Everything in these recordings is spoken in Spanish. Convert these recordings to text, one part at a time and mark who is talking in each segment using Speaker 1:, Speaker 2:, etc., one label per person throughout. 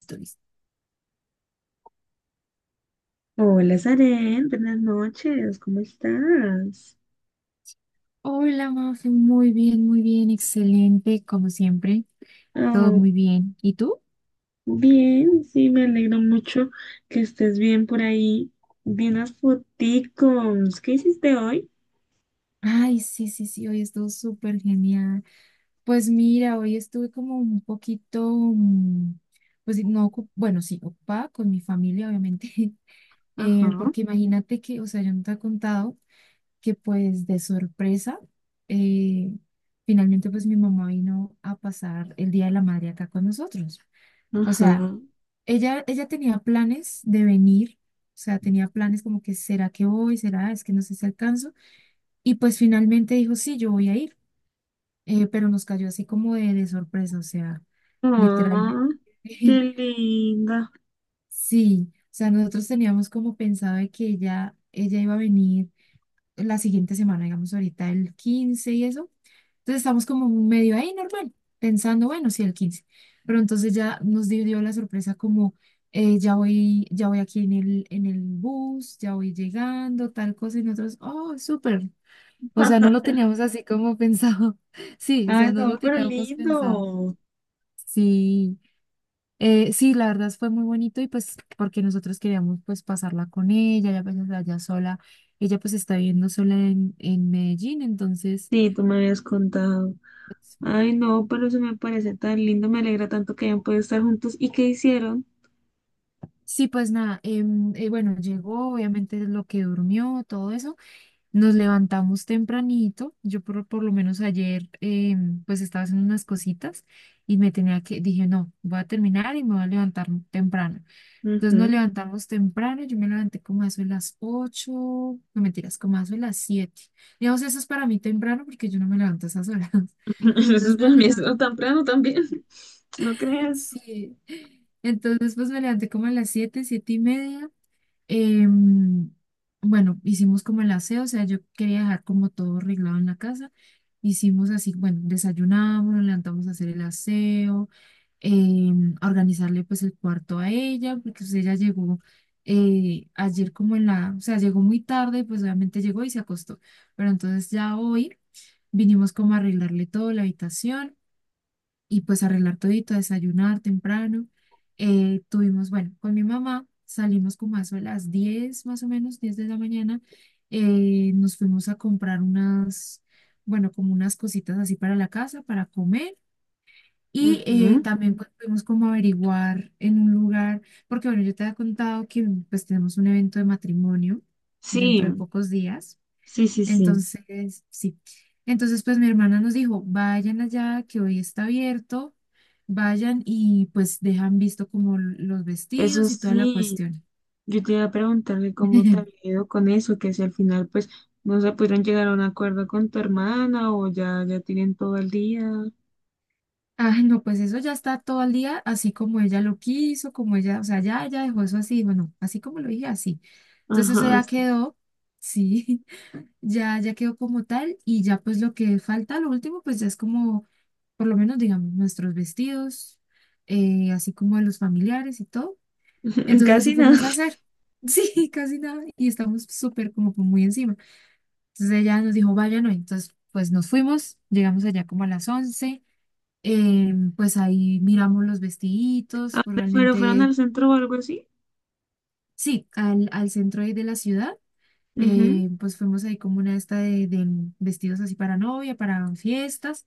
Speaker 1: Stories.
Speaker 2: Hola, Saren, buenas noches, ¿cómo estás?
Speaker 1: Hola, Mafe, muy bien, excelente, como siempre, todo
Speaker 2: Oh,
Speaker 1: muy bien. ¿Y tú?
Speaker 2: bien, sí, me alegro mucho que estés bien por ahí. Vi unas foticos, ¿qué hiciste hoy?
Speaker 1: Ay, sí, sí, sí, hoy estuvo súper genial. Pues mira, hoy estuve como un poquito, pues sí, no, bueno, sí, ocupada con mi familia, obviamente,
Speaker 2: Ajá,
Speaker 1: porque imagínate que, o sea, yo no te he contado que pues de sorpresa, eh, finalmente pues mi mamá vino a pasar el Día de la Madre acá con nosotros. O sea,
Speaker 2: ajá.
Speaker 1: ella tenía planes de venir, o sea, tenía planes como que, ¿será que voy? ¿Será? Es que no sé si alcanzo. Y pues finalmente dijo, sí, yo voy a ir, pero nos cayó así como de, sorpresa, o sea, literalmente.
Speaker 2: Ah, qué linda.
Speaker 1: Sí, o sea, nosotros teníamos como pensado de que ella iba a venir la siguiente semana, digamos ahorita el 15 y eso. Entonces estamos como medio ahí normal, pensando, bueno, sí, el 15. Pero entonces ya nos dio la sorpresa como, ya voy aquí en el bus, ya voy llegando, tal cosa, y nosotros, oh, súper. O sea, no lo teníamos así como pensado. Sí, o sea,
Speaker 2: Ay,
Speaker 1: no
Speaker 2: no,
Speaker 1: lo
Speaker 2: pero
Speaker 1: teníamos pensado.
Speaker 2: lindo.
Speaker 1: Sí, sí, la verdad fue muy bonito y pues porque nosotros queríamos pues pasarla con ella, ya pues allá sola. Ella pues está viviendo sola en Medellín, entonces
Speaker 2: Sí, tú me habías contado.
Speaker 1: pues,
Speaker 2: Ay, no, pero eso me parece tan lindo, me alegra tanto que hayan podido estar juntos. ¿Y qué hicieron?
Speaker 1: sí, pues nada, bueno, llegó, obviamente lo que durmió, todo eso. Nos levantamos tempranito. Yo por lo menos ayer, pues estaba haciendo unas cositas y me tenía que, dije, no, voy a terminar y me voy a levantar temprano. Entonces nos
Speaker 2: Ujú.
Speaker 1: levantamos temprano, yo me levanté como a eso de las ocho, no mentiras, como a eso de las siete. Digamos, eso es para mí temprano porque yo no me levanto a esas horas.
Speaker 2: Eso es
Speaker 1: Entonces,
Speaker 2: para mí, es lo temprano también, ¿no crees?
Speaker 1: sí. Entonces, pues me levanté como a las siete y media. Em, bueno, hicimos como el aseo, o sea, yo quería dejar como todo arreglado en la casa. Hicimos así, bueno, desayunamos, nos levantamos a hacer el aseo, a organizarle pues el cuarto a ella, porque pues, ella llegó, ayer como o sea, llegó muy tarde, pues obviamente llegó y se acostó. Pero entonces ya hoy vinimos como a arreglarle todo la habitación y pues arreglar todito, desayunar temprano. Tuvimos, bueno, con mi mamá salimos como a eso a las 10 más o menos, 10 de la mañana. Nos fuimos a comprar unas, bueno, como unas cositas así para la casa, para comer. Y
Speaker 2: Ujú.
Speaker 1: también pues fuimos como a averiguar en un lugar, porque bueno, yo te había contado que pues tenemos un evento de matrimonio
Speaker 2: Sí,
Speaker 1: dentro de pocos días.
Speaker 2: sí, sí, sí.
Speaker 1: Entonces, sí. Entonces, pues mi hermana nos dijo, vayan allá, que hoy está abierto, vayan y pues dejan visto como los
Speaker 2: Eso
Speaker 1: vestidos y toda la
Speaker 2: sí,
Speaker 1: cuestión.
Speaker 2: yo te iba a preguntarle cómo te había ido con eso, que si al final pues no se pudieron llegar a un acuerdo con tu hermana o ya tienen todo el día.
Speaker 1: Ah, no, pues eso ya está todo el día, así como ella lo quiso, como ella, o sea, ya ella dejó eso así, bueno, así como lo dije, así. Entonces eso
Speaker 2: Ajá,
Speaker 1: ya quedó, sí, ya quedó como tal y ya pues lo que falta, lo último, pues ya es como, por lo menos digamos, nuestros vestidos, así como de los familiares y todo.
Speaker 2: sí.
Speaker 1: Entonces eso
Speaker 2: Casi nada.
Speaker 1: fuimos a hacer. Sí, casi nada. Y estamos súper como que muy encima. Entonces ella nos dijo, vayan hoy. Entonces pues nos fuimos, llegamos allá como a las 11. Pues ahí miramos los
Speaker 2: ¿A
Speaker 1: vestiditos, pues
Speaker 2: dónde fueron? ¿Fueron
Speaker 1: realmente,
Speaker 2: al centro o algo así?
Speaker 1: sí, al centro ahí de la ciudad.
Speaker 2: Ujú.
Speaker 1: Pues fuimos ahí como una esta de, vestidos así para novia, para fiestas.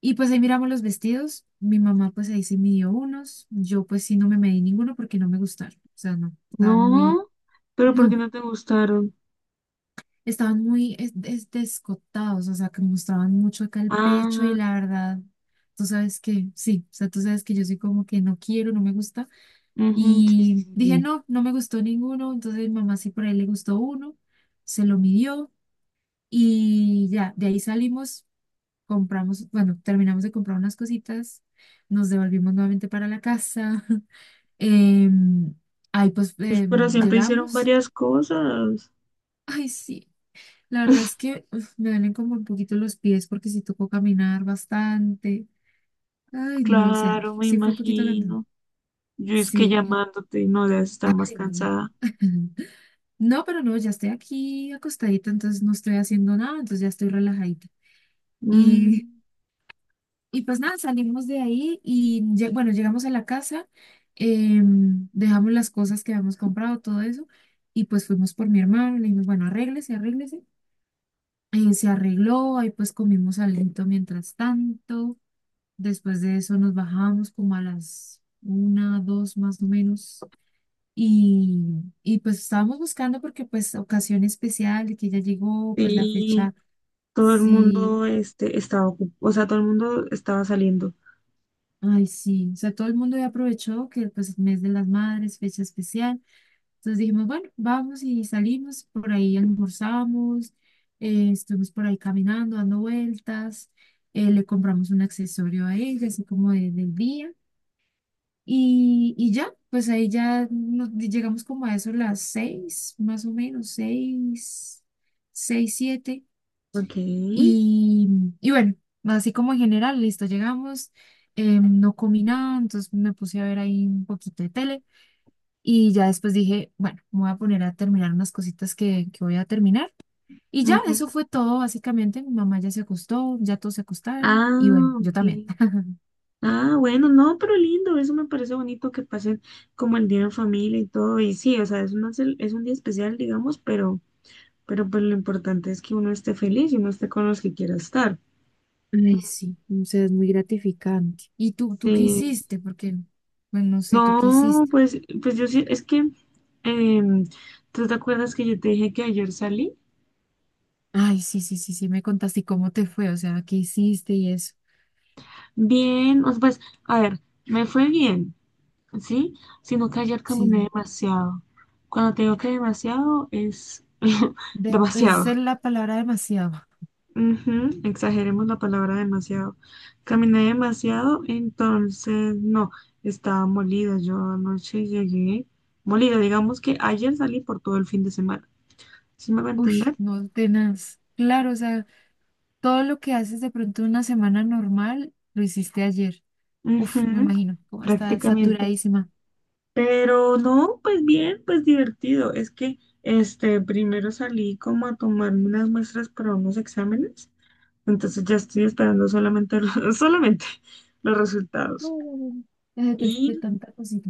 Speaker 1: Y pues ahí miramos los vestidos. Mi mamá pues ahí se midió unos. Yo pues sí no me medí ninguno porque no me gustaron. O sea, no, estaban muy...
Speaker 2: No, pero ¿por qué
Speaker 1: No,
Speaker 2: no te gustaron?
Speaker 1: estaban muy descotados, o sea, que mostraban mucho acá el pecho y
Speaker 2: Ah,
Speaker 1: la verdad, tú sabes que, sí, o sea, tú sabes que yo soy como que no quiero, no me gusta.
Speaker 2: ujú. Sí, sí,
Speaker 1: Y
Speaker 2: sí,
Speaker 1: dije,
Speaker 2: sí.
Speaker 1: no, no me gustó ninguno, entonces mi mamá sí por ahí le gustó uno, se lo midió y ya, de ahí salimos, compramos, bueno, terminamos de comprar unas cositas, nos devolvimos nuevamente para la casa. em, ahí pues
Speaker 2: Pues, pero siempre hicieron
Speaker 1: llegamos.
Speaker 2: varias cosas.
Speaker 1: Ay, sí. La verdad es que me duelen como un poquito los pies porque sí tocó caminar bastante. Ay, no, o sea,
Speaker 2: Claro, me
Speaker 1: sí fue un poquito grande.
Speaker 2: imagino. Yo es que
Speaker 1: Sí.
Speaker 2: llamándote y no debes estar más
Speaker 1: Ay, no.
Speaker 2: cansada.
Speaker 1: No, pero no, ya estoy aquí acostadita, entonces no estoy haciendo nada, entonces ya estoy relajadita. Y,
Speaker 2: Mm,
Speaker 1: y pues nada, salimos de ahí y bueno, llegamos a la casa, dejamos las cosas que habíamos comprado, todo eso, y pues fuimos por mi hermano, le dijimos, bueno, arréglese, arréglese. Se arregló, ahí pues comimos alento mientras tanto. Después de eso nos bajamos como a las una, dos más o menos. Y, y pues estábamos buscando porque pues ocasión especial de que ya llegó, pues la
Speaker 2: sí,
Speaker 1: fecha,
Speaker 2: todo el
Speaker 1: sí,
Speaker 2: mundo estaba ocupado, o sea, todo el mundo estaba saliendo.
Speaker 1: ay sí, o sea, todo el mundo ya aprovechó que pues el mes de las madres, fecha especial. Entonces dijimos, bueno, vamos y salimos, por ahí almorzamos, estuvimos por ahí caminando, dando vueltas, le compramos un accesorio a ella, así como del día. Y ya, pues ahí ya llegamos como a eso las seis, más o menos, seis, seis, siete.
Speaker 2: Ok.
Speaker 1: Y, y bueno, así como en general, listo, llegamos, no comí nada, entonces me puse a ver ahí un poquito de tele. Y ya después dije, bueno, me voy a poner a terminar unas cositas que voy a terminar. Y ya,
Speaker 2: Ujú.
Speaker 1: eso fue todo, básicamente. Mi mamá ya se acostó, ya todos se acostaron.
Speaker 2: Ah,
Speaker 1: Y bueno, yo también.
Speaker 2: ok. Ah, bueno, no, pero lindo, eso me parece bonito que pasen como el día en familia y todo. Y sí, o sea, es una es un día especial, digamos, pero pues lo importante es que uno esté feliz y uno esté con los que quiera estar.
Speaker 1: Ay, sí, o sea, es muy gratificante. ¿Y tú qué
Speaker 2: Sí.
Speaker 1: hiciste? Porque, bueno, no sé, ¿tú qué
Speaker 2: No,
Speaker 1: hiciste?
Speaker 2: pues, pues yo sí, es que, em, ¿tú te acuerdas que yo te dije que ayer salí?
Speaker 1: Ay, sí, sí, sí, sí, me contaste, ¿y cómo te fue, o sea, qué hiciste y eso?
Speaker 2: Bien, o sea, pues, a ver, me fue bien, ¿sí? Sino que ayer caminé
Speaker 1: Sí,
Speaker 2: demasiado. Cuando te digo que demasiado, es
Speaker 1: esa
Speaker 2: demasiado.
Speaker 1: es la palabra demasiado.
Speaker 2: Ujú, exageremos la palabra demasiado. Caminé demasiado, entonces, no, estaba molida. Yo anoche llegué molida, digamos que ayer salí por todo el fin de semana. ¿Sí me va a
Speaker 1: Uy,
Speaker 2: entender?
Speaker 1: no, tenaz. Claro, o sea, todo lo que haces de pronto en una semana normal, lo hiciste ayer. Uf, me
Speaker 2: Ujú,
Speaker 1: imagino, cómo estás
Speaker 2: prácticamente.
Speaker 1: saturadísima.
Speaker 2: Pero no, pues bien, pues divertido. Es que este primero salí como a tomarme unas muestras para unos exámenes. Entonces ya estoy esperando solamente los, solamente los
Speaker 1: No,
Speaker 2: resultados.
Speaker 1: no, no, no, ya
Speaker 2: Y
Speaker 1: detesté tanta cosita.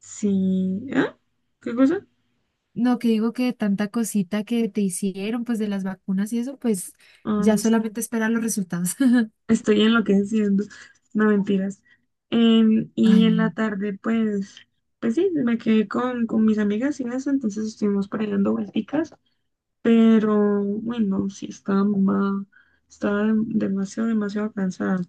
Speaker 2: sí, ¿ah? ¿Qué cosa?
Speaker 1: No, que digo que tanta cosita que te hicieron, pues de las vacunas y eso, pues ya
Speaker 2: Ay, sí,
Speaker 1: solamente esperar los resultados.
Speaker 2: estoy enloqueciendo. No mentiras. Y
Speaker 1: Ay,
Speaker 2: en la
Speaker 1: no.
Speaker 2: tarde, pues, pues sí, me quedé con mis amigas y eso, entonces estuvimos por ahí dando vuelticas. Pero bueno, sí, estaba mamá, estaba demasiado, demasiado cansada.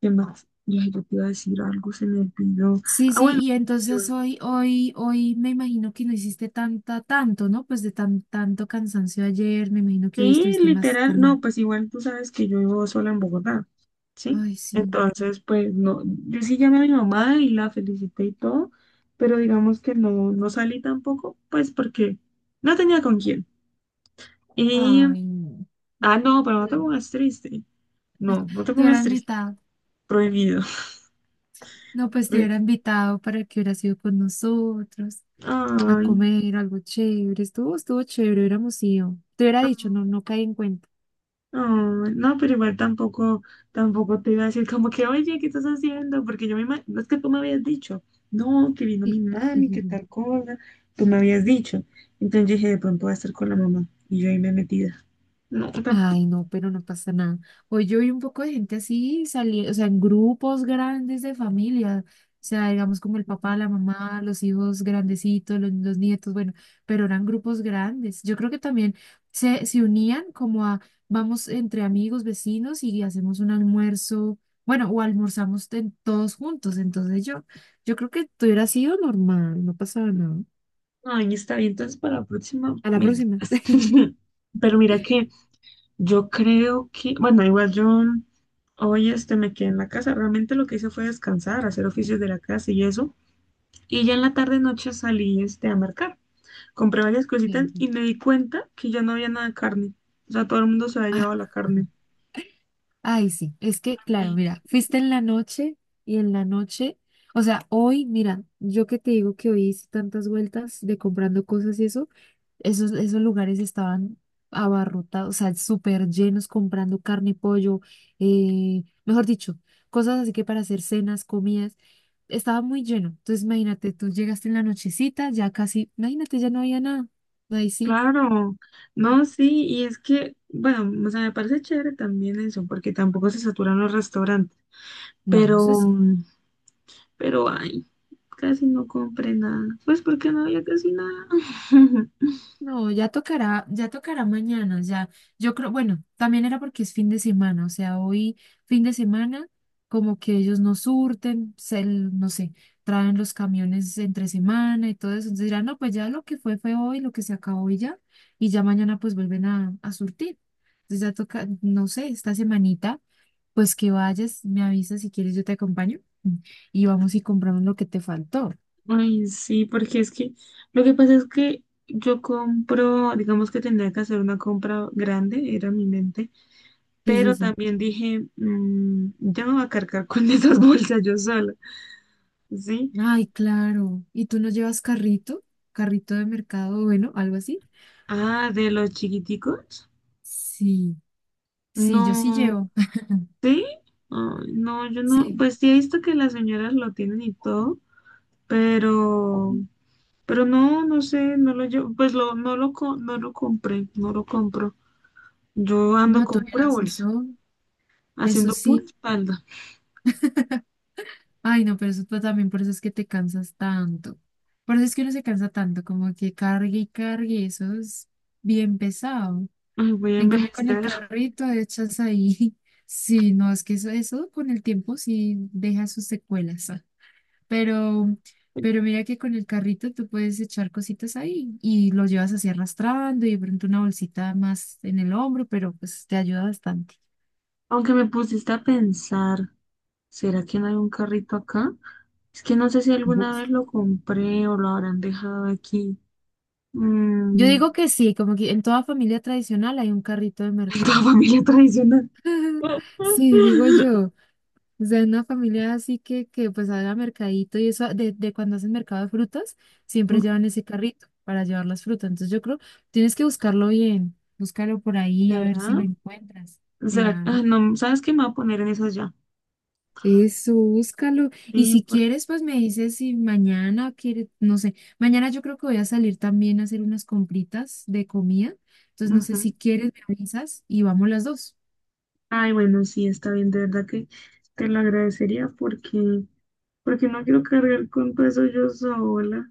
Speaker 2: ¿Qué más? Yo, ay, yo te iba a decir algo, se me olvidó.
Speaker 1: Sí,
Speaker 2: Ah,
Speaker 1: sí,
Speaker 2: bueno,
Speaker 1: y
Speaker 2: yo-
Speaker 1: entonces hoy me imagino que no hiciste tanta, tanto, ¿no? Pues de tanto cansancio ayer, me imagino que hoy
Speaker 2: sí,
Speaker 1: estuviste más
Speaker 2: literal, no,
Speaker 1: calma.
Speaker 2: pues igual tú sabes que yo vivo sola en Bogotá, ¿sí?
Speaker 1: Ay, sí.
Speaker 2: Entonces, pues no, yo sí llamé a mi mamá y la felicité y todo, pero digamos que no, no salí tampoco, pues porque no tenía con quién. Y,
Speaker 1: Ay, no.
Speaker 2: ah, no, pero no te
Speaker 1: Te
Speaker 2: pongas triste. No, no te
Speaker 1: te hubiera
Speaker 2: pongas triste.
Speaker 1: invitado.
Speaker 2: Prohibido.
Speaker 1: No, pues te
Speaker 2: Prohibido.
Speaker 1: hubiera invitado para que hubieras ido con nosotros a
Speaker 2: Ay.
Speaker 1: comer algo chévere. Estuvo chévere, hubiéramos ido. Te hubiera dicho,
Speaker 2: Oh,
Speaker 1: no, no caí en cuenta.
Speaker 2: no, pero igual tampoco, tampoco te iba a decir como que, oye, ¿qué estás haciendo? Porque yo no es que tú me habías dicho, no, que vino mi mami, que tal cosa, tú me habías dicho. Entonces yo dije, de pronto voy a estar con la mamá. Y yo ahí me metida. No,
Speaker 1: Ay,
Speaker 2: tampoco.
Speaker 1: no, pero no pasa nada. Hoy yo vi un poco de gente así salir, o sea, en grupos grandes de familia, o sea, digamos como el papá, la mamá, los hijos grandecitos, los nietos, bueno, pero eran grupos grandes. Yo creo que también se unían como a, vamos entre amigos, vecinos y hacemos un almuerzo, bueno, o almorzamos todos juntos. Entonces yo creo que tú hubiera sido normal, no pasaba nada.
Speaker 2: Ay, está bien, entonces para la próxima
Speaker 1: A la
Speaker 2: me
Speaker 1: próxima.
Speaker 2: invitas. Pero mira que yo creo que, bueno, igual yo hoy este me quedé en la casa. Realmente lo que hice fue descansar, hacer oficios de la casa y eso. Y ya en la tarde noche salí este a marcar. Compré varias cositas
Speaker 1: Sí, sí.
Speaker 2: y me di cuenta que ya no había nada de carne. O sea, todo el mundo se había
Speaker 1: Ah.
Speaker 2: llevado la carne.
Speaker 1: Ay, sí, es que, claro,
Speaker 2: Ay,
Speaker 1: mira, fuiste en la noche y en la noche, o sea, hoy, mira, yo que te digo que hoy hice tantas vueltas de comprando cosas y eso, esos lugares estaban abarrotados, o sea, súper llenos comprando carne, pollo, mejor dicho, cosas así que para hacer cenas, comidas, estaba muy lleno. Entonces, imagínate, tú llegaste en la nochecita, ya casi, imagínate, ya no había nada. Ahí sí.
Speaker 2: claro,
Speaker 1: ah,
Speaker 2: no, sí, y es que, bueno, o sea, me parece chévere también eso, porque tampoco se saturan los restaurantes,
Speaker 1: Bueno, eso
Speaker 2: pero,
Speaker 1: sí.
Speaker 2: mm, pero, ay, casi no compré nada, pues porque no había casi nada.
Speaker 1: No, ya tocará mañana, ya. Yo creo, bueno, también era porque es fin de semana, o sea, hoy fin de semana, como que ellos no surten, no sé, traen los camiones entre semana y todo eso. Entonces dirán, no, pues ya lo que fue fue hoy, lo que se acabó y ya mañana pues vuelven a surtir. Entonces ya toca, no sé, esta semanita, pues que vayas, me avisas si quieres, yo te acompaño y vamos y compramos lo que te faltó.
Speaker 2: Ay, sí, porque es que, lo que pasa es que yo compro, digamos que tendría que hacer una compra grande, era mi mente,
Speaker 1: Sí, sí,
Speaker 2: pero
Speaker 1: sí.
Speaker 2: también dije, "Mm, yo me voy a cargar con esas bolsas yo sola, ¿sí?
Speaker 1: Ay, claro. ¿Y tú no llevas carrito? ¿Carrito de mercado, bueno, algo así?
Speaker 2: Ah, de los chiquiticos,
Speaker 1: Sí, sí, yo sí
Speaker 2: no,
Speaker 1: llevo.
Speaker 2: ¿sí? Ay, no, yo no,
Speaker 1: Sí,
Speaker 2: pues sí he visto que las señoras lo tienen y todo, pero, pero no, no sé, no lo llevo, pues lo, no lo compré, no lo compro, yo ando
Speaker 1: no
Speaker 2: con pura
Speaker 1: tuvieras
Speaker 2: bolsa,
Speaker 1: eso, eso
Speaker 2: haciendo pura
Speaker 1: sí.
Speaker 2: espalda.
Speaker 1: Ay, no, pero eso también por eso es que te cansas tanto. Por eso es que uno se cansa tanto, como que cargue y cargue, eso es bien pesado.
Speaker 2: Ay, voy a
Speaker 1: En cambio, con el
Speaker 2: envejecer.
Speaker 1: carrito echas ahí. Sí, no, es que eso con el tiempo sí deja sus secuelas. Pero, pero mira que con el carrito tú puedes echar cositas ahí y lo llevas así arrastrando y de pronto una bolsita más en el hombro, pero pues te ayuda bastante.
Speaker 2: Aunque me pusiste a pensar, ¿será que no hay un carrito acá? Es que no sé si
Speaker 1: Bu-
Speaker 2: alguna vez lo compré o lo habrán dejado aquí.
Speaker 1: Yo
Speaker 2: Mm,
Speaker 1: digo que sí, como que en toda familia tradicional hay un carrito de
Speaker 2: en toda
Speaker 1: mercado.
Speaker 2: familia tradicional.
Speaker 1: Sí, digo yo. O sea, una familia así que pues haga mercadito y eso, de, cuando hacen mercado de frutas, siempre llevan ese carrito para llevar las frutas. Entonces yo creo, tienes que buscarlo bien, búscalo por ahí a ver
Speaker 2: ¿Será?
Speaker 1: si lo encuentras.
Speaker 2: ¿Será? Ah,
Speaker 1: Claro.
Speaker 2: no, ¿sabes qué? Me voy a poner en esas ya.
Speaker 1: Eso, búscalo. Y si
Speaker 2: Sí, porque...
Speaker 1: quieres, pues me dices si mañana quieres, no sé, mañana yo creo que voy a salir también a hacer unas compritas de comida. Entonces, no sé
Speaker 2: ujú.
Speaker 1: si quieres, me avisas y vamos las dos.
Speaker 2: Ay, bueno, sí, está bien, de verdad que te lo agradecería porque, porque no quiero cargar con todo eso yo sola.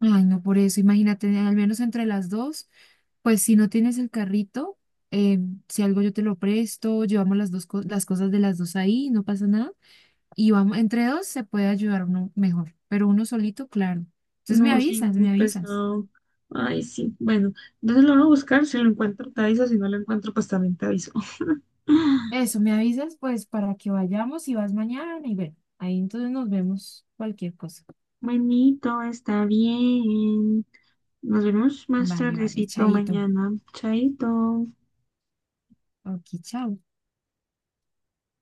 Speaker 1: Ay, no, por eso, imagínate, al menos entre las dos, pues si no tienes el carrito, eh, si algo yo te lo presto, llevamos las dos las cosas de las dos ahí, no pasa nada. Y vamos, entre dos se puede ayudar uno mejor, pero uno solito, claro. Entonces me
Speaker 2: No, sí,
Speaker 1: avisas,
Speaker 2: muy
Speaker 1: me avisas.
Speaker 2: pesado. Ay, sí. Bueno, entonces lo voy a buscar. Si lo encuentro, te aviso. Si no lo encuentro, pues también te aviso.
Speaker 1: Eso, me avisas pues para que vayamos y vas mañana y bueno, ahí entonces nos vemos cualquier cosa.
Speaker 2: Buenito, está bien. Nos vemos más
Speaker 1: Vale, vale,
Speaker 2: tardecito
Speaker 1: chaito.
Speaker 2: mañana. Chaito.
Speaker 1: Ok, chao.